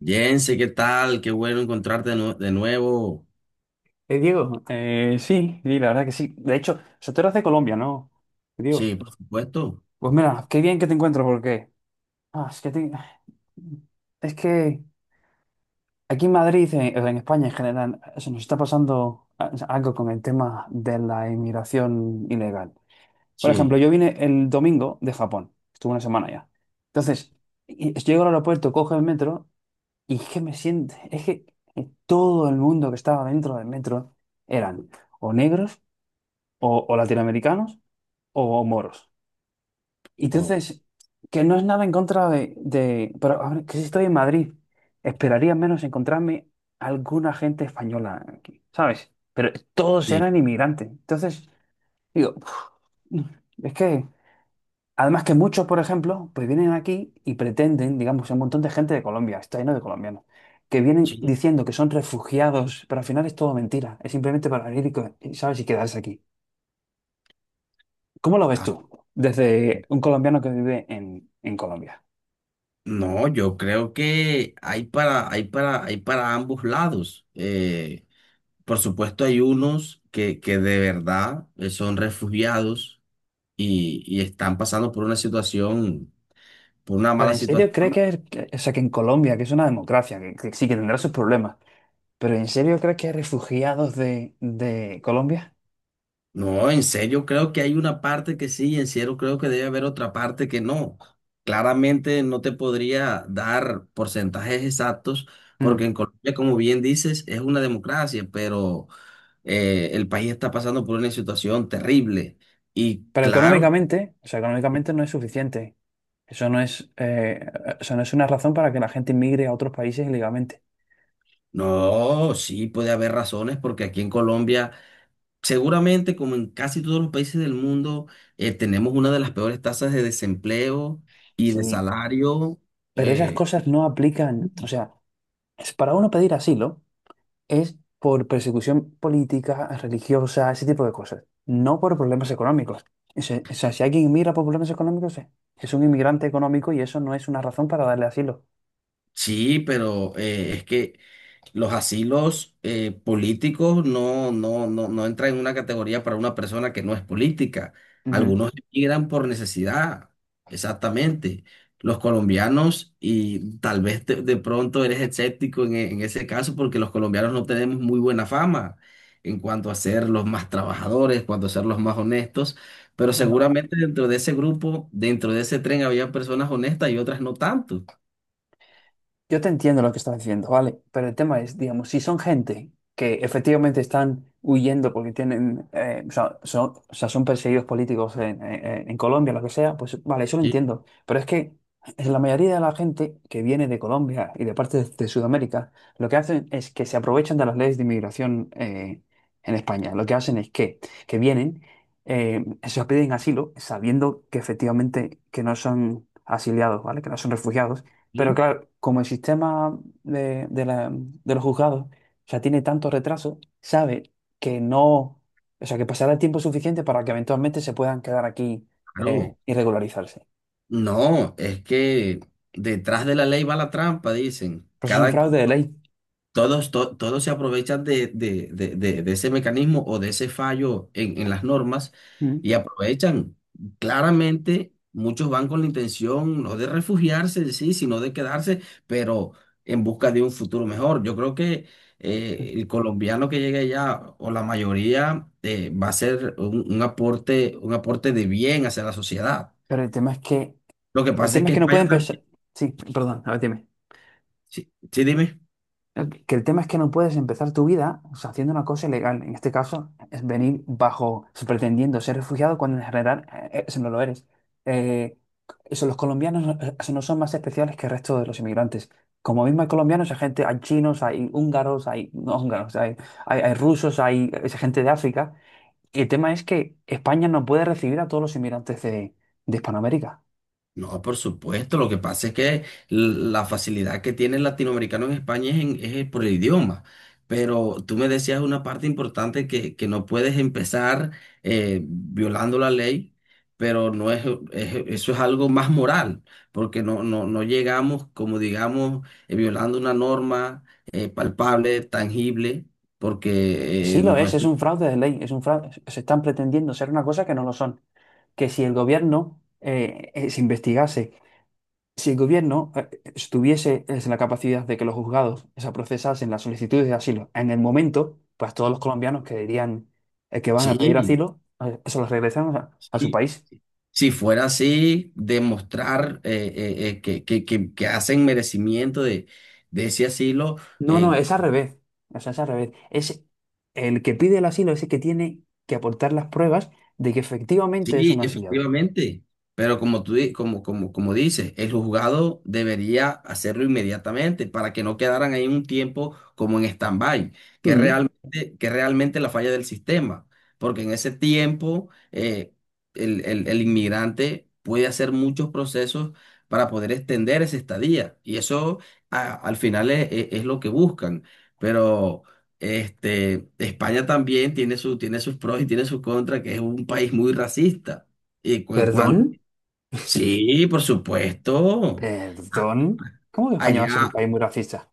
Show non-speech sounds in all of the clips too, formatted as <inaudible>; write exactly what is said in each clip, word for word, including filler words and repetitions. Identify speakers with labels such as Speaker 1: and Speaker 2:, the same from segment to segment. Speaker 1: Jense, ¿qué tal? Qué bueno encontrarte de, nue- de nuevo.
Speaker 2: Eh, Diego, eh, sí, sí, la verdad que sí. De hecho, o sea, tú eras de Colombia, ¿no? Diego.
Speaker 1: Sí, por supuesto.
Speaker 2: Pues mira, qué bien que te encuentro porque... ah, es que te- es que aquí en Madrid, en, en España en general, se nos está pasando a- algo con el tema de la inmigración ilegal. Por ejemplo,
Speaker 1: Sí.
Speaker 2: yo vine el domingo de Japón. Estuve una semana ya. Entonces, y- llego al aeropuerto, cojo el metro y es que me siento... Es que eh, todo el mundo que estaba dentro del metro eran o negros o, o latinoamericanos o moros. Y
Speaker 1: Oh,
Speaker 2: entonces, que no es nada en contra de, de- pero a ver, que si estoy en Madrid, esperaría menos encontrarme alguna gente española aquí, ¿sabes? Pero todos
Speaker 1: sí.
Speaker 2: eran inmigrantes. Entonces, digo, uf, es que, además que muchos, por ejemplo, pues vienen aquí y pretenden, digamos, un montón de gente de Colombia, está lleno de colombianos, que vienen
Speaker 1: Sí.
Speaker 2: diciendo que son refugiados, pero al final es todo mentira, es simplemente para venir y, co- y, ¿sabes? Y quedarse aquí. ¿Cómo lo ves
Speaker 1: Ah,
Speaker 2: tú? Desde un colombiano que vive en, en Colombia.
Speaker 1: no, yo creo que hay para, hay para, hay para ambos lados. Eh, por supuesto, hay unos que, que de verdad eh, son refugiados y, y están pasando por una situación, por una
Speaker 2: ¿Pero
Speaker 1: mala
Speaker 2: en serio crees que,
Speaker 1: situación.
Speaker 2: que- o sea, que en Colombia, que es una democracia, que, que sí que tendrá sus problemas, pero en serio crees que hay refugiados de, de Colombia?
Speaker 1: No, en serio, creo que hay una parte que sí, en serio, creo que debe haber otra parte que no. Claramente no te podría dar porcentajes exactos,
Speaker 2: Mm.
Speaker 1: porque en Colombia, como bien dices, es una democracia, pero eh, el país está pasando por una situación terrible. Y
Speaker 2: Pero
Speaker 1: claro,
Speaker 2: económicamente, o sea, económicamente no es suficiente. Eso no es, eh, eso no es una razón para que la gente inmigre a otros países ilegalmente.
Speaker 1: no, sí puede haber razones, porque aquí en Colombia, seguramente, como en casi todos los países del mundo, eh, tenemos una de las peores tasas de desempleo y de
Speaker 2: Sí,
Speaker 1: salario.
Speaker 2: pero esas
Speaker 1: eh,
Speaker 2: cosas no aplican. O sea, es para uno pedir asilo. Es por persecución política, religiosa, ese tipo de cosas, no por problemas económicos. Ese- O sea, si alguien mira por problemas económicos, eh, es un inmigrante económico y eso no es una razón para darle asilo.
Speaker 1: Sí, pero eh, es que los asilos eh, políticos no, no, no, no entran en una categoría para una persona que no es política.
Speaker 2: Ujú.
Speaker 1: Algunos emigran por necesidad, exactamente. Los colombianos, y tal vez te- de pronto eres escéptico en, e- en ese caso, porque los colombianos no tenemos muy buena fama en cuanto a ser los más trabajadores, cuanto a ser los más honestos, pero
Speaker 2: Bueno,
Speaker 1: seguramente dentro de ese grupo, dentro de ese tren, había personas honestas y otras no tanto.
Speaker 2: yo te entiendo lo que estás diciendo, ¿vale? Pero el tema es, digamos, si son gente que efectivamente están huyendo porque tienen, eh, o sea, son, o sea, son perseguidos políticos en, en- en Colombia, lo que sea, pues vale, eso lo
Speaker 1: Sí,
Speaker 2: entiendo. Pero es que la mayoría de la gente que viene de Colombia y de parte de, de Sudamérica, lo que hacen es que se aprovechan de las leyes de inmigración eh, en España. Lo que hacen es que, que vienen, eh, se les piden asilo, sabiendo que efectivamente que no son... asiliados, ¿vale? Que no son refugiados, pero
Speaker 1: sí.
Speaker 2: claro, como el sistema de, de la- de los juzgados ya tiene tanto retraso, sabe que no, o sea, que pasará el tiempo suficiente para que eventualmente se puedan quedar aquí eh,
Speaker 1: Claro,
Speaker 2: y regularizarse.
Speaker 1: no, es que detrás de la ley va la trampa, dicen.
Speaker 2: Pero eso es un
Speaker 1: Cada,
Speaker 2: fraude de ley.
Speaker 1: todos, to- todos se aprovechan de, de- de- de- de ese mecanismo o de ese fallo en, en las normas
Speaker 2: Mm.
Speaker 1: y aprovechan. Claramente, muchos van con la intención no de refugiarse, sí, sino de quedarse, pero en busca de un futuro mejor. Yo creo que eh, el colombiano que llegue allá, o la mayoría, eh, va a ser un, un aporte, un aporte de bien hacia la sociedad.
Speaker 2: Pero el tema es que,
Speaker 1: Lo que
Speaker 2: el
Speaker 1: pasa es
Speaker 2: tema es
Speaker 1: que
Speaker 2: que no
Speaker 1: España
Speaker 2: pueden pensar.
Speaker 1: también.
Speaker 2: Sí, perdón, a ver, dime.
Speaker 1: Sí, sí, dime.
Speaker 2: El- Que el tema es que no puedes empezar tu vida o sea, haciendo una cosa ilegal. En este caso, es venir bajo, pretendiendo ser refugiado cuando en general eh, eso no lo eres. Eh, eso, los colombianos no eh, eso no son más especiales que el resto de los inmigrantes. Como mismo hay colombianos, hay gente, hay chinos, hay húngaros, hay no húngaros, hay, hay, hay rusos, hay, es gente de África. Y el tema es que España no puede recibir a todos los inmigrantes de, de Hispanoamérica.
Speaker 1: No, por supuesto. Lo que pasa es que l- la facilidad que tiene el latinoamericano en España es, en- es por el idioma. Pero tú me decías una parte importante que, que no puedes empezar eh, violando la ley, pero no es, es- eso es algo más moral, porque no, no, no llegamos, como digamos, eh, violando una norma eh, palpable, tangible, porque
Speaker 2: Sí
Speaker 1: eh,
Speaker 2: lo
Speaker 1: no
Speaker 2: es,
Speaker 1: es...
Speaker 2: es un fraude de ley, es un fraude. Se están pretendiendo ser una cosa que no lo son. Que si el gobierno eh, eh, se investigase, si el gobierno eh, estuviese eh, en la capacidad de que los juzgados se procesasen las solicitudes de asilo en el momento, pues todos los colombianos que dirían eh, que van a pedir
Speaker 1: Sí,
Speaker 2: asilo, eh, se los regresan a, a su
Speaker 1: sí.
Speaker 2: país.
Speaker 1: Si fuera así, demostrar eh, eh, eh, que, que- que- que hacen merecimiento de, de ese asilo,
Speaker 2: No, no,
Speaker 1: eh,
Speaker 2: es al revés. O sea, es al revés. Es el que pide el asilo, es el que tiene que aportar las pruebas de que efectivamente es
Speaker 1: sí,
Speaker 2: un asilado.
Speaker 1: efectivamente. Pero como tú, di- como, como, como dices, el juzgado debería hacerlo inmediatamente para que no quedaran ahí un tiempo como en stand-by, que es
Speaker 2: Mm.
Speaker 1: realmente, que es realmente la falla del sistema. Porque en ese tiempo eh, el, el- el inmigrante puede hacer muchos procesos para poder extender esa estadía. Y eso a- al final es, es- es lo que buscan. Pero este, España también tiene su, tiene sus pros y tiene sus contras, que es un país muy racista. Y cu- en
Speaker 2: ¿Perdón?
Speaker 1: cuanto, sí, por supuesto. A-
Speaker 2: Perdón. ¿Cómo que España va a ser
Speaker 1: Allá,
Speaker 2: un país muy racista?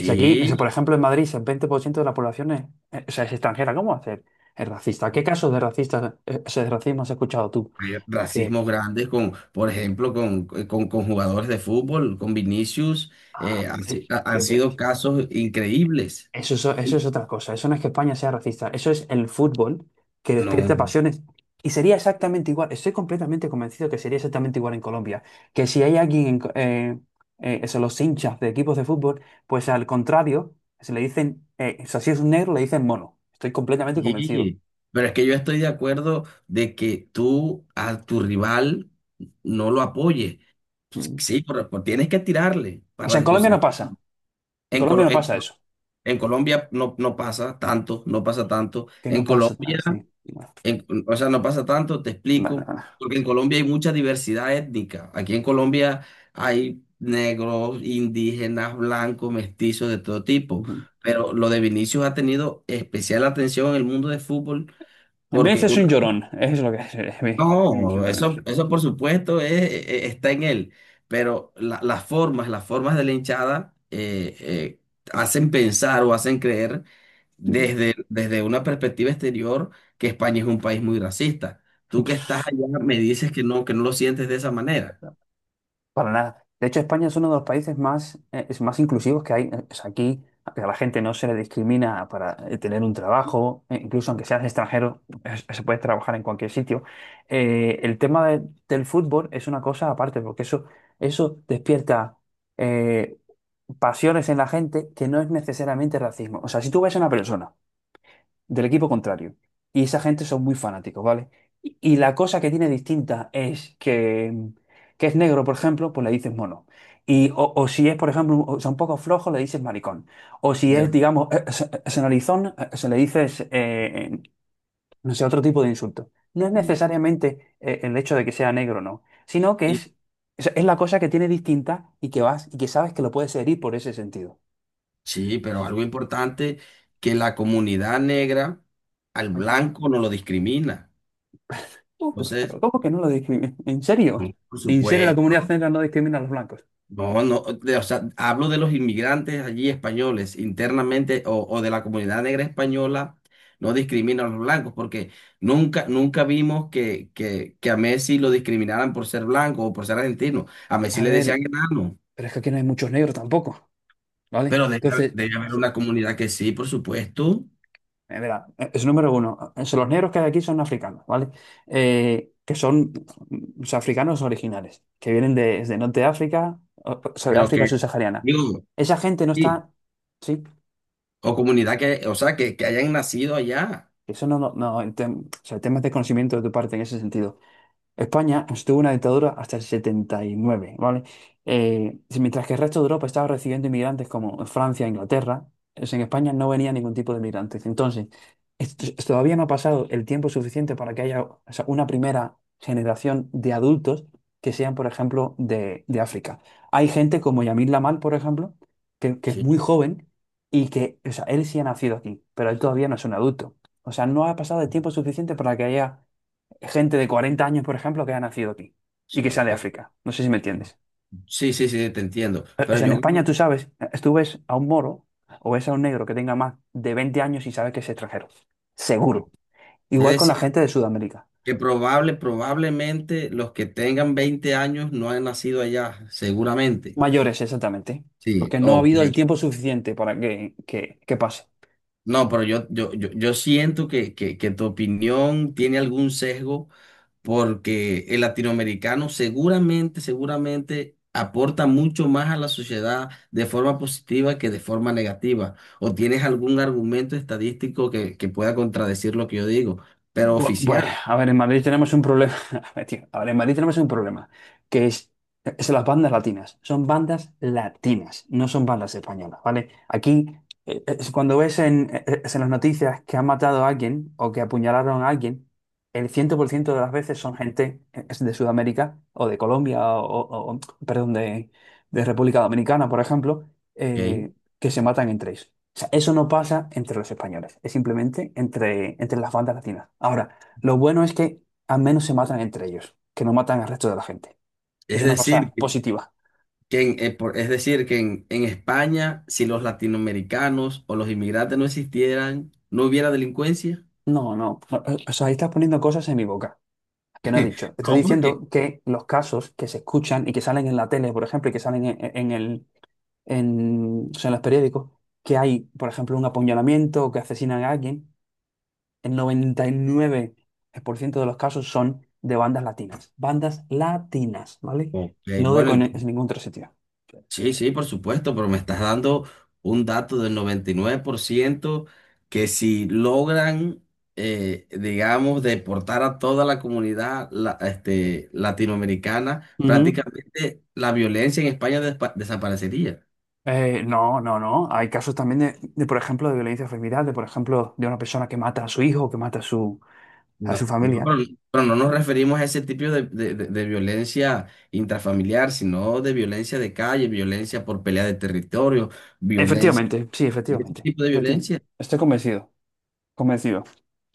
Speaker 2: Si aquí, si por ejemplo en Madrid, si el veinte por ciento de la población es, eh, o sea, es extranjera, ¿cómo hacer? Es racista. ¿Qué casos de racista, eh, o sea, de racismo has escuchado tú?
Speaker 1: hay
Speaker 2: Que,
Speaker 1: racismos grandes con, por ejemplo, con, eh, con, con jugadores de fútbol, con Vinicius,
Speaker 2: ah,
Speaker 1: eh, han, si-
Speaker 2: eh,
Speaker 1: ha- han
Speaker 2: tío, pues,
Speaker 1: sido casos increíbles.
Speaker 2: eso, es o- eso es otra cosa. Eso no es que España sea racista. Eso es el fútbol que
Speaker 1: No,
Speaker 2: despierta pasiones. Y sería exactamente igual. Estoy completamente convencido que sería exactamente igual en Colombia. Que si hay alguien, en co- eh, eh, eso, los hinchas de equipos de fútbol, pues al contrario, se le dicen, eh, o sea, si es un negro, le dicen mono. Estoy completamente convencido.
Speaker 1: sí. Pero es que yo estoy de acuerdo de que tú a tu rival no lo apoyes. pues, Sí, pero, pues, tienes que tirarle
Speaker 2: O
Speaker 1: para
Speaker 2: sea, en Colombia no pasa.
Speaker 1: desconcentrarlo.
Speaker 2: En
Speaker 1: En,
Speaker 2: Colombia
Speaker 1: Colo-
Speaker 2: no
Speaker 1: en-
Speaker 2: pasa eso.
Speaker 1: en Colombia no, no pasa tanto, no pasa tanto.
Speaker 2: Que
Speaker 1: En
Speaker 2: no pasa tan,
Speaker 1: Colombia,
Speaker 2: sí. Bueno,
Speaker 1: en- o sea, no pasa tanto, te
Speaker 2: bueno,
Speaker 1: explico,
Speaker 2: bueno,
Speaker 1: porque en
Speaker 2: sí.
Speaker 1: Colombia hay mucha diversidad étnica. Aquí en Colombia hay negros, indígenas, blancos, mestizos de todo tipo.
Speaker 2: Ujú.
Speaker 1: Pero lo de Vinicius ha tenido especial atención en el mundo del fútbol
Speaker 2: En
Speaker 1: porque
Speaker 2: Venecia es un
Speaker 1: una...
Speaker 2: llorón. Es lo que es. <laughs> Es un
Speaker 1: No,
Speaker 2: llorón.
Speaker 1: eso, eso por supuesto es... e- está en él, pero la- las formas, las formas de la hinchada eh, eh, hacen pensar o hacen creer desde, desde una perspectiva exterior que España es un país muy racista. Tú que estás allá me dices que no, que no lo sientes de esa manera.
Speaker 2: Para nada. De hecho, España es uno de los países más, eh, es más inclusivos que hay. O sea, aquí a la gente no se le discrimina para eh, tener un trabajo, eh, incluso aunque seas extranjero, es- se puede trabajar en cualquier sitio. Eh, el tema de- del fútbol es una cosa aparte, porque eso, eso despierta eh, pasiones en la gente que no es necesariamente racismo. O sea, si tú ves a una persona del equipo contrario. Y esa gente son muy fanáticos, ¿vale? Y y la cosa que tiene distinta es que, que es negro, por ejemplo, pues le dices mono. Y, o, o si es, por ejemplo, un- o sea, un poco flojo, le dices maricón. O si es,
Speaker 1: Pero,
Speaker 2: digamos, eh, se- eh, se eh, se le dices, eh, eh, no sé, otro tipo de insulto. No es
Speaker 1: no.
Speaker 2: necesariamente eh, el hecho de que sea negro, no, sino que
Speaker 1: Y-
Speaker 2: es, es es la cosa que tiene distinta y que vas y que sabes que lo puedes herir por ese sentido.
Speaker 1: sí, pero algo importante, que la comunidad negra al blanco no lo discrimina.
Speaker 2: No, pues,
Speaker 1: Entonces,
Speaker 2: pero ¿cómo que no lo discriminan? ¿En serio?
Speaker 1: no, por
Speaker 2: ¿En serio la
Speaker 1: supuesto.
Speaker 2: comunidad negra no discrimina a los blancos?
Speaker 1: No, no, de- o sea, hablo de los inmigrantes allí españoles internamente o, o de la comunidad negra española, no discrimina a los blancos, porque nunca, nunca vimos que, que, que a Messi lo discriminaran por ser blanco o por ser argentino. A Messi
Speaker 2: A
Speaker 1: le
Speaker 2: ver,
Speaker 1: decían enano,
Speaker 2: pero es que aquí no hay muchos negros tampoco, ¿vale?
Speaker 1: pero debe,
Speaker 2: Entonces,
Speaker 1: debe haber
Speaker 2: es,
Speaker 1: una comunidad que sí, por supuesto,
Speaker 2: eh, verá, eh, es número uno. Es- los negros que hay aquí son africanos, ¿vale? Eh, que son, mm, o sea, africanos originales, que vienen de- desde Norte de África, o, o sea, de
Speaker 1: pero
Speaker 2: África
Speaker 1: que,
Speaker 2: subsahariana.
Speaker 1: digo,
Speaker 2: Esa gente no
Speaker 1: sí,
Speaker 2: está, sí,
Speaker 1: o comunidad que, o sea, que, que hayan nacido allá.
Speaker 2: eso no, no, no, en tem- o sea, temas de conocimiento de tu parte en ese sentido. España estuvo en una dictadura hasta el setenta y nueve, ¿vale? Eh, sí, mientras que el resto de Europa estaba recibiendo inmigrantes como Francia e Inglaterra, es- en España no venía ningún tipo de inmigrantes. Entonces, esto- todavía no ha pasado el tiempo suficiente para que haya, o sea, una primera generación de adultos que sean, por ejemplo, de, de África. Hay gente como Yamil Lamal, por ejemplo, que, que es muy
Speaker 1: Sí,
Speaker 2: joven y que, o sea, él sí ha nacido aquí, pero él todavía no es un adulto. O sea, no ha pasado el tiempo suficiente para que haya gente de cuarenta años, por ejemplo, que ha nacido aquí y que
Speaker 1: sí,
Speaker 2: sea de
Speaker 1: pero,
Speaker 2: África. No sé si me entiendes.
Speaker 1: sí, sí, sí, te entiendo,
Speaker 2: Eh, O
Speaker 1: pero
Speaker 2: sea, en
Speaker 1: yo...
Speaker 2: España tú sabes, eh, tú ves a un moro o ves a un negro que tenga más de veinte años y sabes que es extranjero. Seguro.
Speaker 1: Es
Speaker 2: Igual con la
Speaker 1: decir,
Speaker 2: gente de Sudamérica.
Speaker 1: que probable, probablemente los que tengan veinte años no han nacido allá, seguramente.
Speaker 2: Mayores, exactamente.
Speaker 1: Sí,
Speaker 2: Porque no ha
Speaker 1: ok.
Speaker 2: habido el tiempo suficiente para que, que, que pase.
Speaker 1: No, pero yo, yo, yo, yo siento que, que, que tu opinión tiene algún sesgo porque el latinoamericano seguramente, seguramente aporta mucho más a la sociedad de forma positiva que de forma negativa. ¿O tienes algún argumento estadístico que, que pueda contradecir lo que yo digo? Pero
Speaker 2: Bu- Bueno,
Speaker 1: oficial,
Speaker 2: a ver, en Madrid tenemos un problema. <laughs> A ver, tío, a ver, en Madrid tenemos un problema, que es, es las bandas latinas. Son bandas latinas, no son bandas españolas, ¿vale? Aquí, eh, es cuando ves en, eh, es en las noticias que han matado a alguien o que apuñalaron a alguien, el cien por ciento de las veces son gente eh, es de Sudamérica o de Colombia o, o- o- perdón, de, de República Dominicana, por ejemplo,
Speaker 1: ¿ok?
Speaker 2: eh, que se matan entre ellos. O sea, eso no pasa entre los españoles, es simplemente entre, entre las bandas latinas. Ahora, lo bueno es que al menos se matan entre ellos, que no matan al resto de la gente. Es
Speaker 1: Es
Speaker 2: una cosa
Speaker 1: decir,
Speaker 2: positiva.
Speaker 1: que en- eh, por- es decir, que en, en España, si los latinoamericanos o los inmigrantes no existieran, no hubiera delincuencia.
Speaker 2: No, no, no, eh, o sea, ahí estás poniendo cosas en mi boca, que no he dicho. Estoy
Speaker 1: No, porque
Speaker 2: diciendo que los casos que se escuchan y que salen en la tele, por ejemplo, y que salen en, en el, en, o sea, en los periódicos, que hay, por ejemplo, un apuñalamiento o que asesinan a alguien, el noventa y nueve por ciento de los casos son de bandas latinas. Bandas latinas, ¿vale?
Speaker 1: Ok,
Speaker 2: No de
Speaker 1: bueno,
Speaker 2: con-
Speaker 1: ent-
Speaker 2: es ningún otro sitio.
Speaker 1: sí, sí, por supuesto, pero me estás dando un dato del noventa y nueve por ciento que si logran, eh, digamos, deportar a toda la comunidad la- este, latinoamericana,
Speaker 2: Ujú.
Speaker 1: prácticamente la violencia en España despa- desaparecería.
Speaker 2: Eh, no, no, no. Hay casos también de, de, por ejemplo, de violencia familiar, de, por ejemplo, de una persona que mata a su hijo, que mata a su, a su
Speaker 1: No, no,
Speaker 2: familia.
Speaker 1: pero, pero no nos referimos a ese tipo de, de- de- de violencia intrafamiliar, sino de violencia de calle, violencia por pelea de territorio, violencia,
Speaker 2: Efectivamente, sí,
Speaker 1: de ese
Speaker 2: efectivamente.
Speaker 1: tipo de
Speaker 2: Efectivamente.
Speaker 1: violencia.
Speaker 2: Estoy convencido, convencido.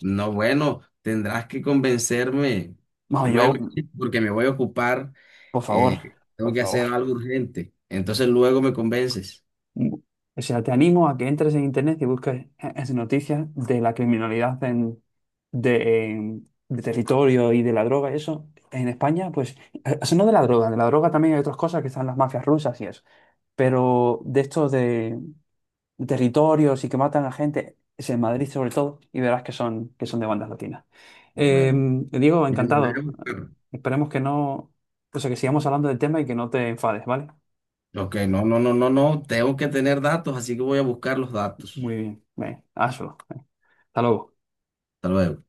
Speaker 1: No, bueno, tendrás que convencerme
Speaker 2: No,
Speaker 1: luego,
Speaker 2: yo,
Speaker 1: sí, porque me voy a ocupar,
Speaker 2: por favor,
Speaker 1: eh, tengo
Speaker 2: por
Speaker 1: que
Speaker 2: favor.
Speaker 1: hacer algo urgente. Entonces luego me convences.
Speaker 2: O sea, te animo a que entres en internet y busques eh, eh, noticias de la criminalidad en, de, en- de territorio y de la droga y eso. En España, pues, eh, eso no de la droga, de la droga también hay otras cosas que están las mafias rusas y eso. Pero de estos de, de territorios y que matan a gente, es en Madrid sobre todo, y verás que son, que son de bandas latinas. Eh,
Speaker 1: Bueno,
Speaker 2: Diego,
Speaker 1: me animaré a
Speaker 2: encantado. Eh,
Speaker 1: buscar.
Speaker 2: Esperemos que no, o sea, que sigamos hablando del tema y que no te enfades, ¿vale?
Speaker 1: Ok, no, no, no, no, no, tengo que tener datos, así que voy a buscar los
Speaker 2: Muy
Speaker 1: datos.
Speaker 2: bien, ven, hazlo. Hasta luego.
Speaker 1: Hasta luego.